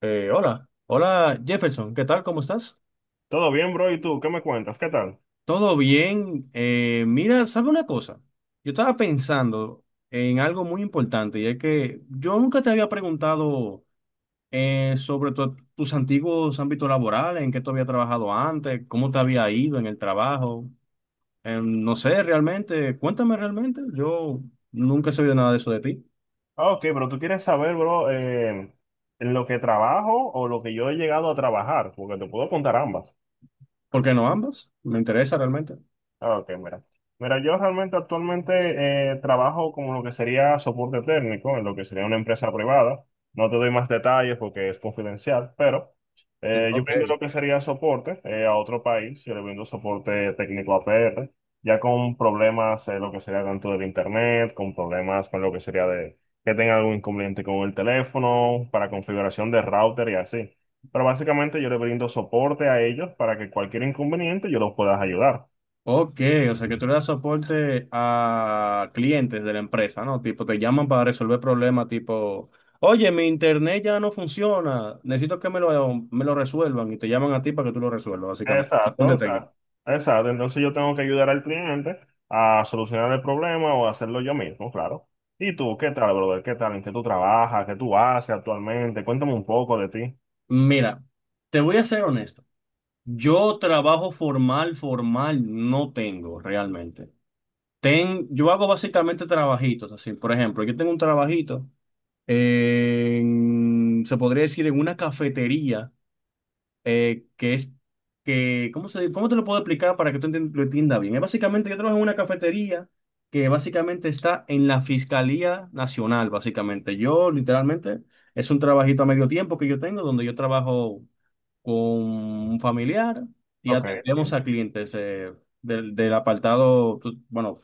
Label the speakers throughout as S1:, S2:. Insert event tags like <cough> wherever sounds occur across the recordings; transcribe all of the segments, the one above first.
S1: Hola, hola Jefferson, ¿qué tal? ¿Cómo estás?
S2: Todo bien, bro. ¿Y tú qué me cuentas? ¿Qué tal?
S1: ¿Todo bien? Mira, ¿sabe una cosa? Yo estaba pensando en algo muy importante y es que yo nunca te había preguntado sobre tus antiguos ámbitos laborales, en qué tú habías trabajado antes, cómo te había ido en el trabajo. No sé, realmente, cuéntame realmente. Yo nunca he sabido nada de eso de ti.
S2: Ok, pero tú quieres saber, bro, en lo que trabajo o lo que yo he llegado a trabajar, porque te puedo contar ambas.
S1: ¿Por qué no ambas? Me interesa realmente.
S2: Ok, mira. Mira, yo realmente actualmente trabajo como lo que sería soporte técnico, en lo que sería una empresa privada. No te doy más detalles porque es confidencial, pero
S1: Mm,
S2: yo
S1: ok.
S2: brindo lo que sería soporte a otro país. Yo le brindo soporte técnico a PR, ya con problemas, lo que sería tanto del internet, con problemas con lo que sería de que tenga algún inconveniente con el teléfono, para configuración de router y así. Pero básicamente yo le brindo soporte a ellos para que cualquier inconveniente yo los pueda ayudar.
S1: Ok, o sea que tú le das soporte a clientes de la empresa, ¿no? Tipo, te llaman para resolver problemas, tipo, oye, mi internet ya no funciona, necesito que me lo resuelvan y te llaman a ti para que tú lo resuelvas, básicamente.
S2: Exacto,
S1: Soporte técnico.
S2: exacto. Exacto. Entonces yo tengo que ayudar al cliente a solucionar el problema o hacerlo yo mismo, claro. ¿Y tú, qué tal, brother? ¿Qué tal? ¿En qué tú trabajas? ¿Qué tú haces actualmente? Cuéntame un poco de ti.
S1: Mira, te voy a ser honesto. Yo trabajo formal, formal no tengo realmente. Ten, yo hago básicamente trabajitos, así, por ejemplo, yo tengo un trabajito en, se podría decir, en una cafetería que es que, ¿cómo se, cómo te lo puedo explicar para que tú lo entiendas bien? Es básicamente, yo trabajo en una cafetería que básicamente está en la Fiscalía Nacional, básicamente. Yo, literalmente, es un trabajito a medio tiempo que yo tengo, donde yo trabajo con un familiar y
S2: Ok.
S1: atendemos
S2: Ok.
S1: a clientes del, del apartado, bueno,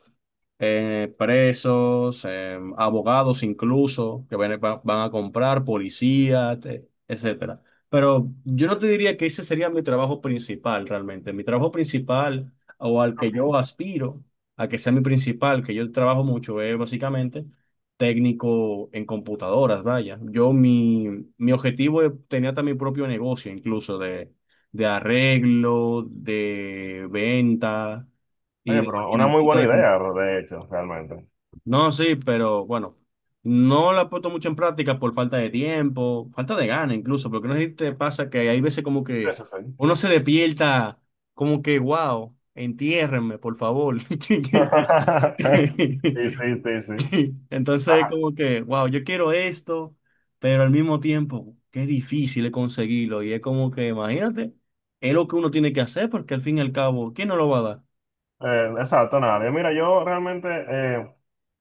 S1: presos, abogados incluso, que van, a van a comprar, policías, etcétera. Pero yo no te diría que ese sería mi trabajo principal realmente. Mi trabajo principal o al que yo aspiro, a que sea mi principal, que yo trabajo mucho, es básicamente técnico en computadoras, vaya. Yo mi, mi objetivo es- tenía hasta mi propio negocio incluso de arreglo, de venta y
S2: Oye,
S1: de
S2: pero una muy
S1: mantenimiento
S2: buena
S1: de... compu-
S2: idea, de hecho, realmente.
S1: No, sí, pero bueno, no la he puesto mucho en práctica por falta de tiempo, falta de gana incluso, porque no sé si te pasa que hay veces como que
S2: Eso sí.
S1: uno se despierta como que, wow, entiérrenme, por favor.
S2: <laughs> Sí,
S1: <laughs>
S2: sí, sí, sí.
S1: <laughs> Entonces, como que, wow, yo quiero esto, pero al mismo tiempo, qué difícil es conseguirlo. Y es como que, imagínate, es lo que uno tiene que hacer, porque al fin y al cabo, ¿quién no lo va a dar?
S2: Exacto, nadie. Mira, yo realmente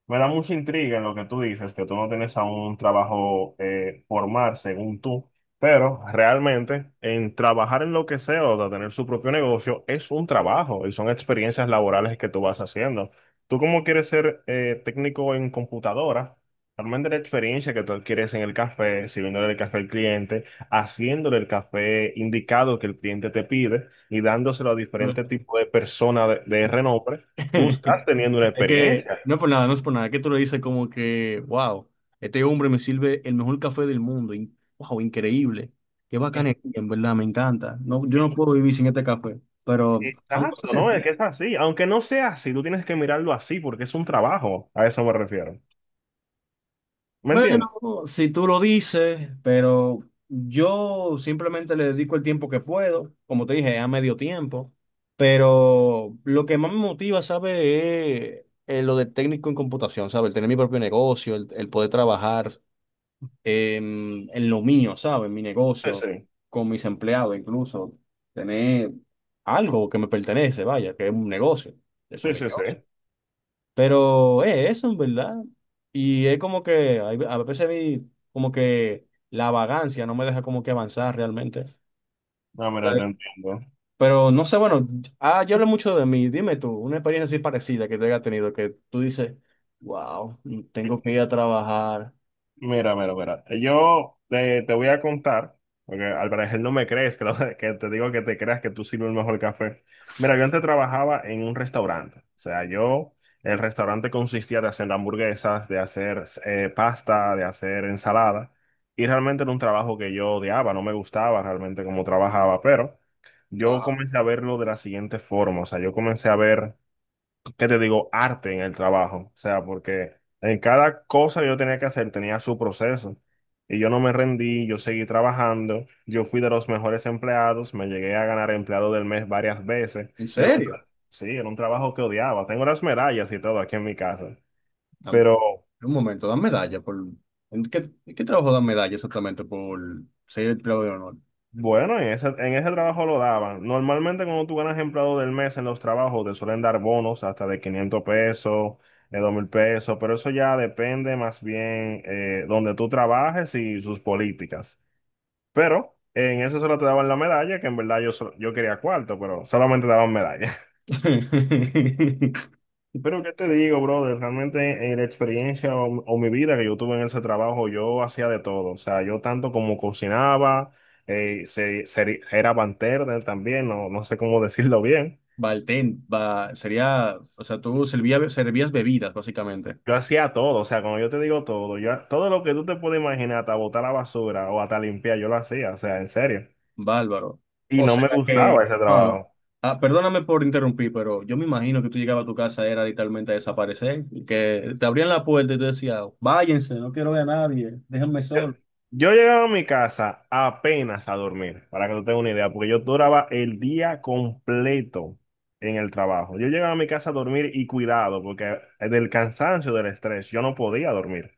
S2: me da mucha intriga en lo que tú dices, que tú no tienes aún un trabajo formal, según tú, pero realmente en trabajar en lo que sea o de tener su propio negocio es un trabajo y son experiencias laborales que tú vas haciendo. Tú como quieres ser técnico en computadora, realmente la experiencia que tú adquieres en el café, sirviéndole el café al cliente haciéndole el café indicado que el cliente te pide y dándoselo a diferentes
S1: Pero-
S2: tipos de personas de renombre, tú
S1: <laughs>
S2: estás teniendo una
S1: es que,
S2: experiencia.
S1: no es por nada, no es por nada, es que tú lo dices como que, wow, este hombre me sirve el mejor café del mundo, y, wow, increíble, qué
S2: Eh,
S1: bacán, en verdad, me encanta. No, yo no
S2: eh,
S1: puedo vivir sin este café, pero son cosas
S2: Exacto, ¿no? Es
S1: sencillas.
S2: que es así. Aunque no sea así, tú tienes que mirarlo así porque es un trabajo. A eso me refiero. ¿Me
S1: Bueno,
S2: entiendes?
S1: si tú lo dices, pero yo simplemente le dedico el tiempo que puedo, como te dije, a medio tiempo, pero lo que más me motiva, ¿sabes? Es lo de técnico en computación, ¿sabes? El tener mi propio negocio, el poder trabajar en lo mío, ¿sabes? En mi
S2: Sí,
S1: negocio,
S2: sí,
S1: con mis empleados incluso, tener algo que me pertenece, vaya, que es un negocio, eso es
S2: sí,
S1: mi
S2: sí, sí.
S1: negocio. Pero es eso, en verdad. Y es como que hay a veces mi, como que la vagancia no me deja como que avanzar realmente.
S2: No,
S1: Eh,
S2: mira, te entiendo.
S1: Pero no sé, bueno, ah, yo hablo mucho de mí. Dime tú, una experiencia así parecida que te haya tenido, que tú dices, wow, tengo que ir a trabajar.
S2: Mira, mira, mira. Te voy a contar, porque al parecer no me crees, que, <laughs> que te digo que te creas que tú sirves el mejor café. Mira, yo antes trabajaba en un restaurante. O sea, yo, el restaurante consistía de hacer hamburguesas, de hacer pasta, de hacer ensalada. Y realmente era un trabajo que yo odiaba, no me gustaba realmente cómo trabajaba, pero yo
S1: Ajá.
S2: comencé a verlo de la siguiente forma. O sea, yo comencé a ver, ¿qué te digo? Arte en el trabajo. O sea, porque en cada cosa que yo tenía que hacer tenía su proceso. Y yo no me rendí, yo seguí trabajando, yo fui de los mejores empleados, me llegué a ganar empleado del mes varias veces.
S1: ¿En
S2: Era un,
S1: serio?
S2: sí, era un trabajo que odiaba. Tengo las medallas y todo aquí en mi casa.
S1: Dam-
S2: Pero
S1: un momento, dan medalla por... en qué trabajo dan medalla exactamente por ser empleado de honor?
S2: bueno, en ese trabajo lo daban. Normalmente cuando tú ganas empleado del mes en los trabajos te suelen dar bonos hasta de 500 pesos, de 2000 pesos, pero eso ya depende más bien donde tú trabajes y sus políticas. Pero en eso solo te daban la medalla, que en verdad yo, yo quería cuarto, pero solamente daban medalla.
S1: <laughs>
S2: Pero qué te digo, brother, realmente en la experiencia o mi vida que yo tuve en ese trabajo, yo hacía de todo. O sea, yo tanto como cocinaba, era bartender también, no, no sé cómo <laughs> decirlo bien.
S1: Baltén, va, sería, o sea, tú servías bebidas, básicamente.
S2: Yo hacía todo, o sea, cuando yo te digo todo, yo, todo lo que tú te puedes imaginar, hasta botar la basura o hasta limpiar, yo lo hacía, o sea, en serio.
S1: Bárbaro.
S2: Y
S1: O
S2: no
S1: sea
S2: me gustaba
S1: que,
S2: ese
S1: wow.
S2: trabajo.
S1: Ah, perdóname por interrumpir, pero yo me imagino que tú llegabas a tu casa, era literalmente a desaparecer, y que te abrían la puerta y te decía, váyanse, no quiero ver a nadie, déjenme
S2: Yo,
S1: solo.
S2: yo llegaba a mi casa apenas a dormir, para que tú tengas una idea, porque yo duraba el día completo en el trabajo. Yo llegaba a mi casa a dormir y cuidado, porque del cansancio, del estrés, yo no podía dormir,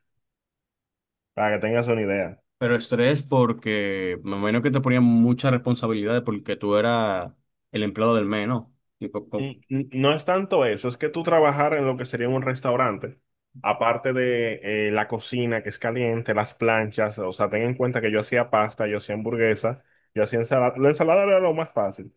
S2: para que tengas una idea.
S1: Pero estrés porque me imagino que te ponían muchas responsabilidades porque tú eras el empleado del mes, ¿no? Tipo, co-
S2: No es tanto eso, es que tú trabajar en lo que sería un restaurante, aparte de la cocina que es caliente, las planchas, o sea, ten en cuenta que yo hacía pasta, yo hacía hamburguesa, yo hacía ensalada, la ensalada era lo más fácil.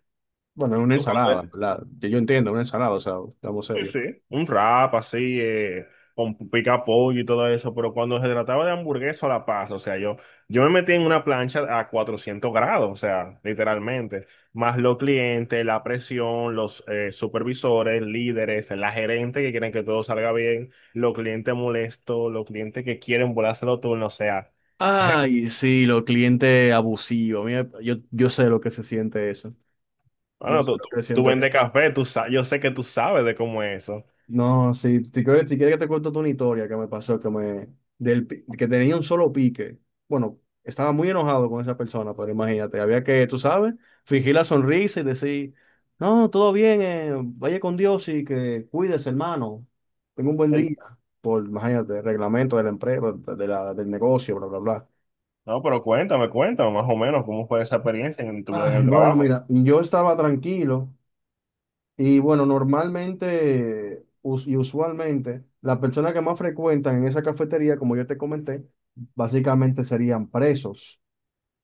S1: Bueno, es una
S2: Yo cuando,
S1: ensalada, ¿en verdad? Yo entiendo, una ensalada, o sea, estamos
S2: Sí,
S1: serios.
S2: sí, un rap así, con pica pollo y todo eso, pero cuando se trataba de hamburguesa a la paz, o sea, yo me metí en una plancha a 400 grados, o sea, literalmente, más los clientes, la presión, los supervisores, líderes, la gerente que quieren que todo salga bien, los clientes molestos, los clientes que quieren volarse los turnos, o sea,
S1: Ay, sí, los clientes abusivos. Mira, yo sé lo que se siente eso. Yo
S2: bueno,
S1: sé lo que se
S2: tú
S1: siente eso.
S2: vendes café, tú, yo sé que tú sabes de cómo es eso.
S1: No, sí, te quieres que te cuente una historia que me pasó, que me, del, pi- que tenía un solo pique. Bueno, estaba muy enojado con esa persona, pero imagínate, había que, tú sabes, fingir la sonrisa y decir, no, todo bien, vaya con Dios y que cuides, hermano. Tenga un buen
S2: Eh,
S1: día. Por, imagínate, reglamento de la empresa, de la, del negocio, bla, bla, bla.
S2: No, pero cuéntame, cuéntame más o menos cómo fue esa experiencia en tu vida en
S1: Ay,
S2: el
S1: bueno,
S2: trabajo.
S1: mira, yo estaba tranquilo. Y bueno, normalmente y usualmente las personas que más frecuentan en esa cafetería, como yo te comenté, básicamente serían presos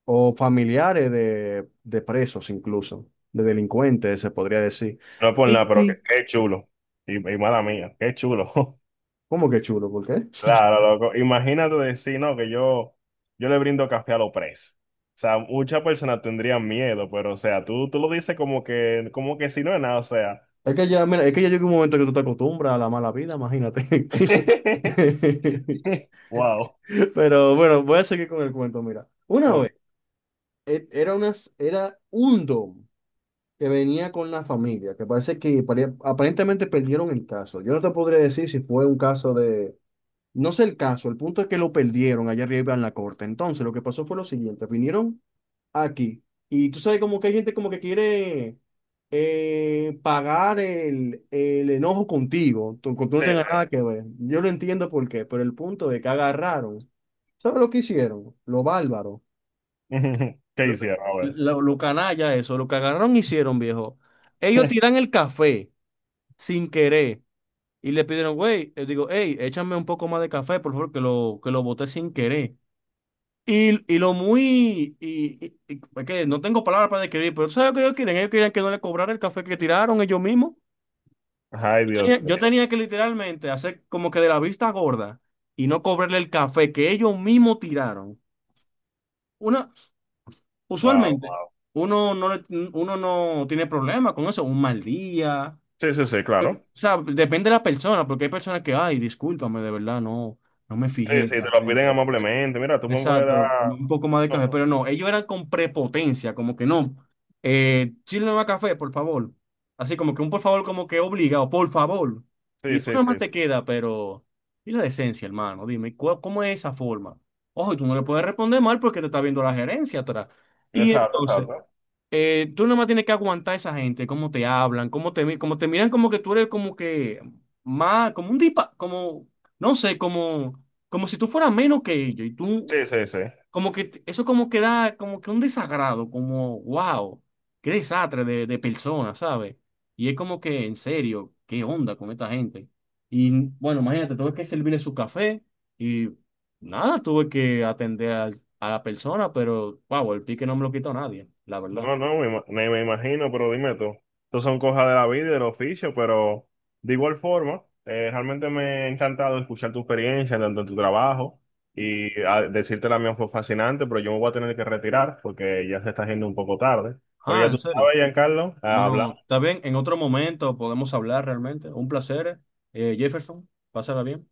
S1: o familiares de presos incluso, de delincuentes, se podría decir.
S2: No es por nada, pero qué,
S1: Y-
S2: qué chulo. Y mala mía, qué chulo. <laughs>
S1: ¿cómo que chulo? ¿Por qué?
S2: Claro, loco. Imagínate decir, no, que yo le brindo café a los presos. O sea, muchas personas tendrían miedo, pero o sea, tú lo dices como que si no es nada, o sea.
S1: Es que ya, mira, es que ya llega un momento que tú te acostumbras a la mala vida, imagínate. <laughs>
S2: <laughs>
S1: <laughs>
S2: Wow.
S1: Pero bueno, voy a seguir con el cuento, mira. Una
S2: Eh,
S1: vez, e- era, unas, era un dom. Que venía con la familia, que parece que aparentemente perdieron el caso. Yo no te podría decir si fue un caso de, no sé el caso, el punto es que lo perdieron allá arriba en la corte. Entonces, lo que pasó fue lo siguiente, vinieron aquí y tú sabes como que hay gente como que quiere pagar el enojo contigo, tú no
S2: sí,
S1: tengas
S2: sí.
S1: nada que ver. Yo lo entiendo por qué, pero el punto es que agarraron. ¿Sabes lo que hicieron? Lo bárbaro
S2: <laughs> ¿Qué
S1: lo,
S2: hicieron? A ver.
S1: lo canalla eso, lo que agarraron hicieron, viejo. Ellos
S2: <laughs>
S1: tiran el café sin querer y le pidieron, güey, digo, hey, échame un poco más de café, por favor, que lo boté sin querer. Y lo muy, y, es que no tengo palabras para describir, pero ¿sabes lo que ellos quieren? Ellos querían que no le cobrara el café que tiraron ellos mismos.
S2: Ay, Dios
S1: Yo
S2: mío.
S1: tenía que literalmente hacer como que de la vista gorda y no cobrarle el café que ellos mismos tiraron. Una,
S2: Wow,
S1: usualmente,
S2: wow.
S1: uno no, le- uno no tiene problema con eso, un mal día.
S2: Sí, sí, sí,
S1: O
S2: claro.
S1: sea, depende de la persona, porque hay personas que, ay, discúlpame, de verdad, no, no me
S2: Sí,
S1: fijé
S2: sí, te lo piden
S1: realmente.
S2: amablemente. Mira, tú me puedes
S1: Exacto,
S2: dar.
S1: un poco más de
S2: No,
S1: café, pero no, ellos eran con prepotencia, como que no, sírveme más café, por favor. Así como que un por favor, como que obligado, por favor.
S2: sí,
S1: Y tú
S2: sí,
S1: nada más
S2: sí, sí.
S1: te queda, pero, y la decencia, hermano, dime, ¿cuál- ¿cómo es esa forma? Ojo, y tú no le puedes responder mal porque te está viendo la gerencia atrás. Y
S2: Exacto,
S1: entonces
S2: exacto.
S1: tú nomás tienes que aguantar a esa gente, cómo te hablan, cómo te, mi- cómo te miran, como que tú eres como que más, como un dipa, como, no sé, como, como si tú fueras menos que ellos. Y tú,
S2: Sí, sí, sí.
S1: como que t- eso como que da, como que un desagrado, como, wow, qué desastre de persona, ¿sabes? Y es como que, en serio, qué onda con esta gente. Y bueno, imagínate, tuve que servirle su café y nada, tuve que atender a la persona, pero, wow, el pique no me lo quitó nadie, la verdad.
S2: No, no, me imagino, pero dime tú. Estos son cosas de la vida y del oficio, pero de igual forma, realmente me ha encantado escuchar tu experiencia tanto en tu trabajo y decirte la mía fue fascinante, pero yo me voy a tener que retirar porque ya se está haciendo un poco tarde. Pero
S1: Ah,
S2: ya
S1: en
S2: tú
S1: serio.
S2: sabes, Giancarlo,
S1: Bueno,
S2: Carlos
S1: está bien, en otro momento podemos hablar realmente. Un placer, Jefferson. Pásala bien.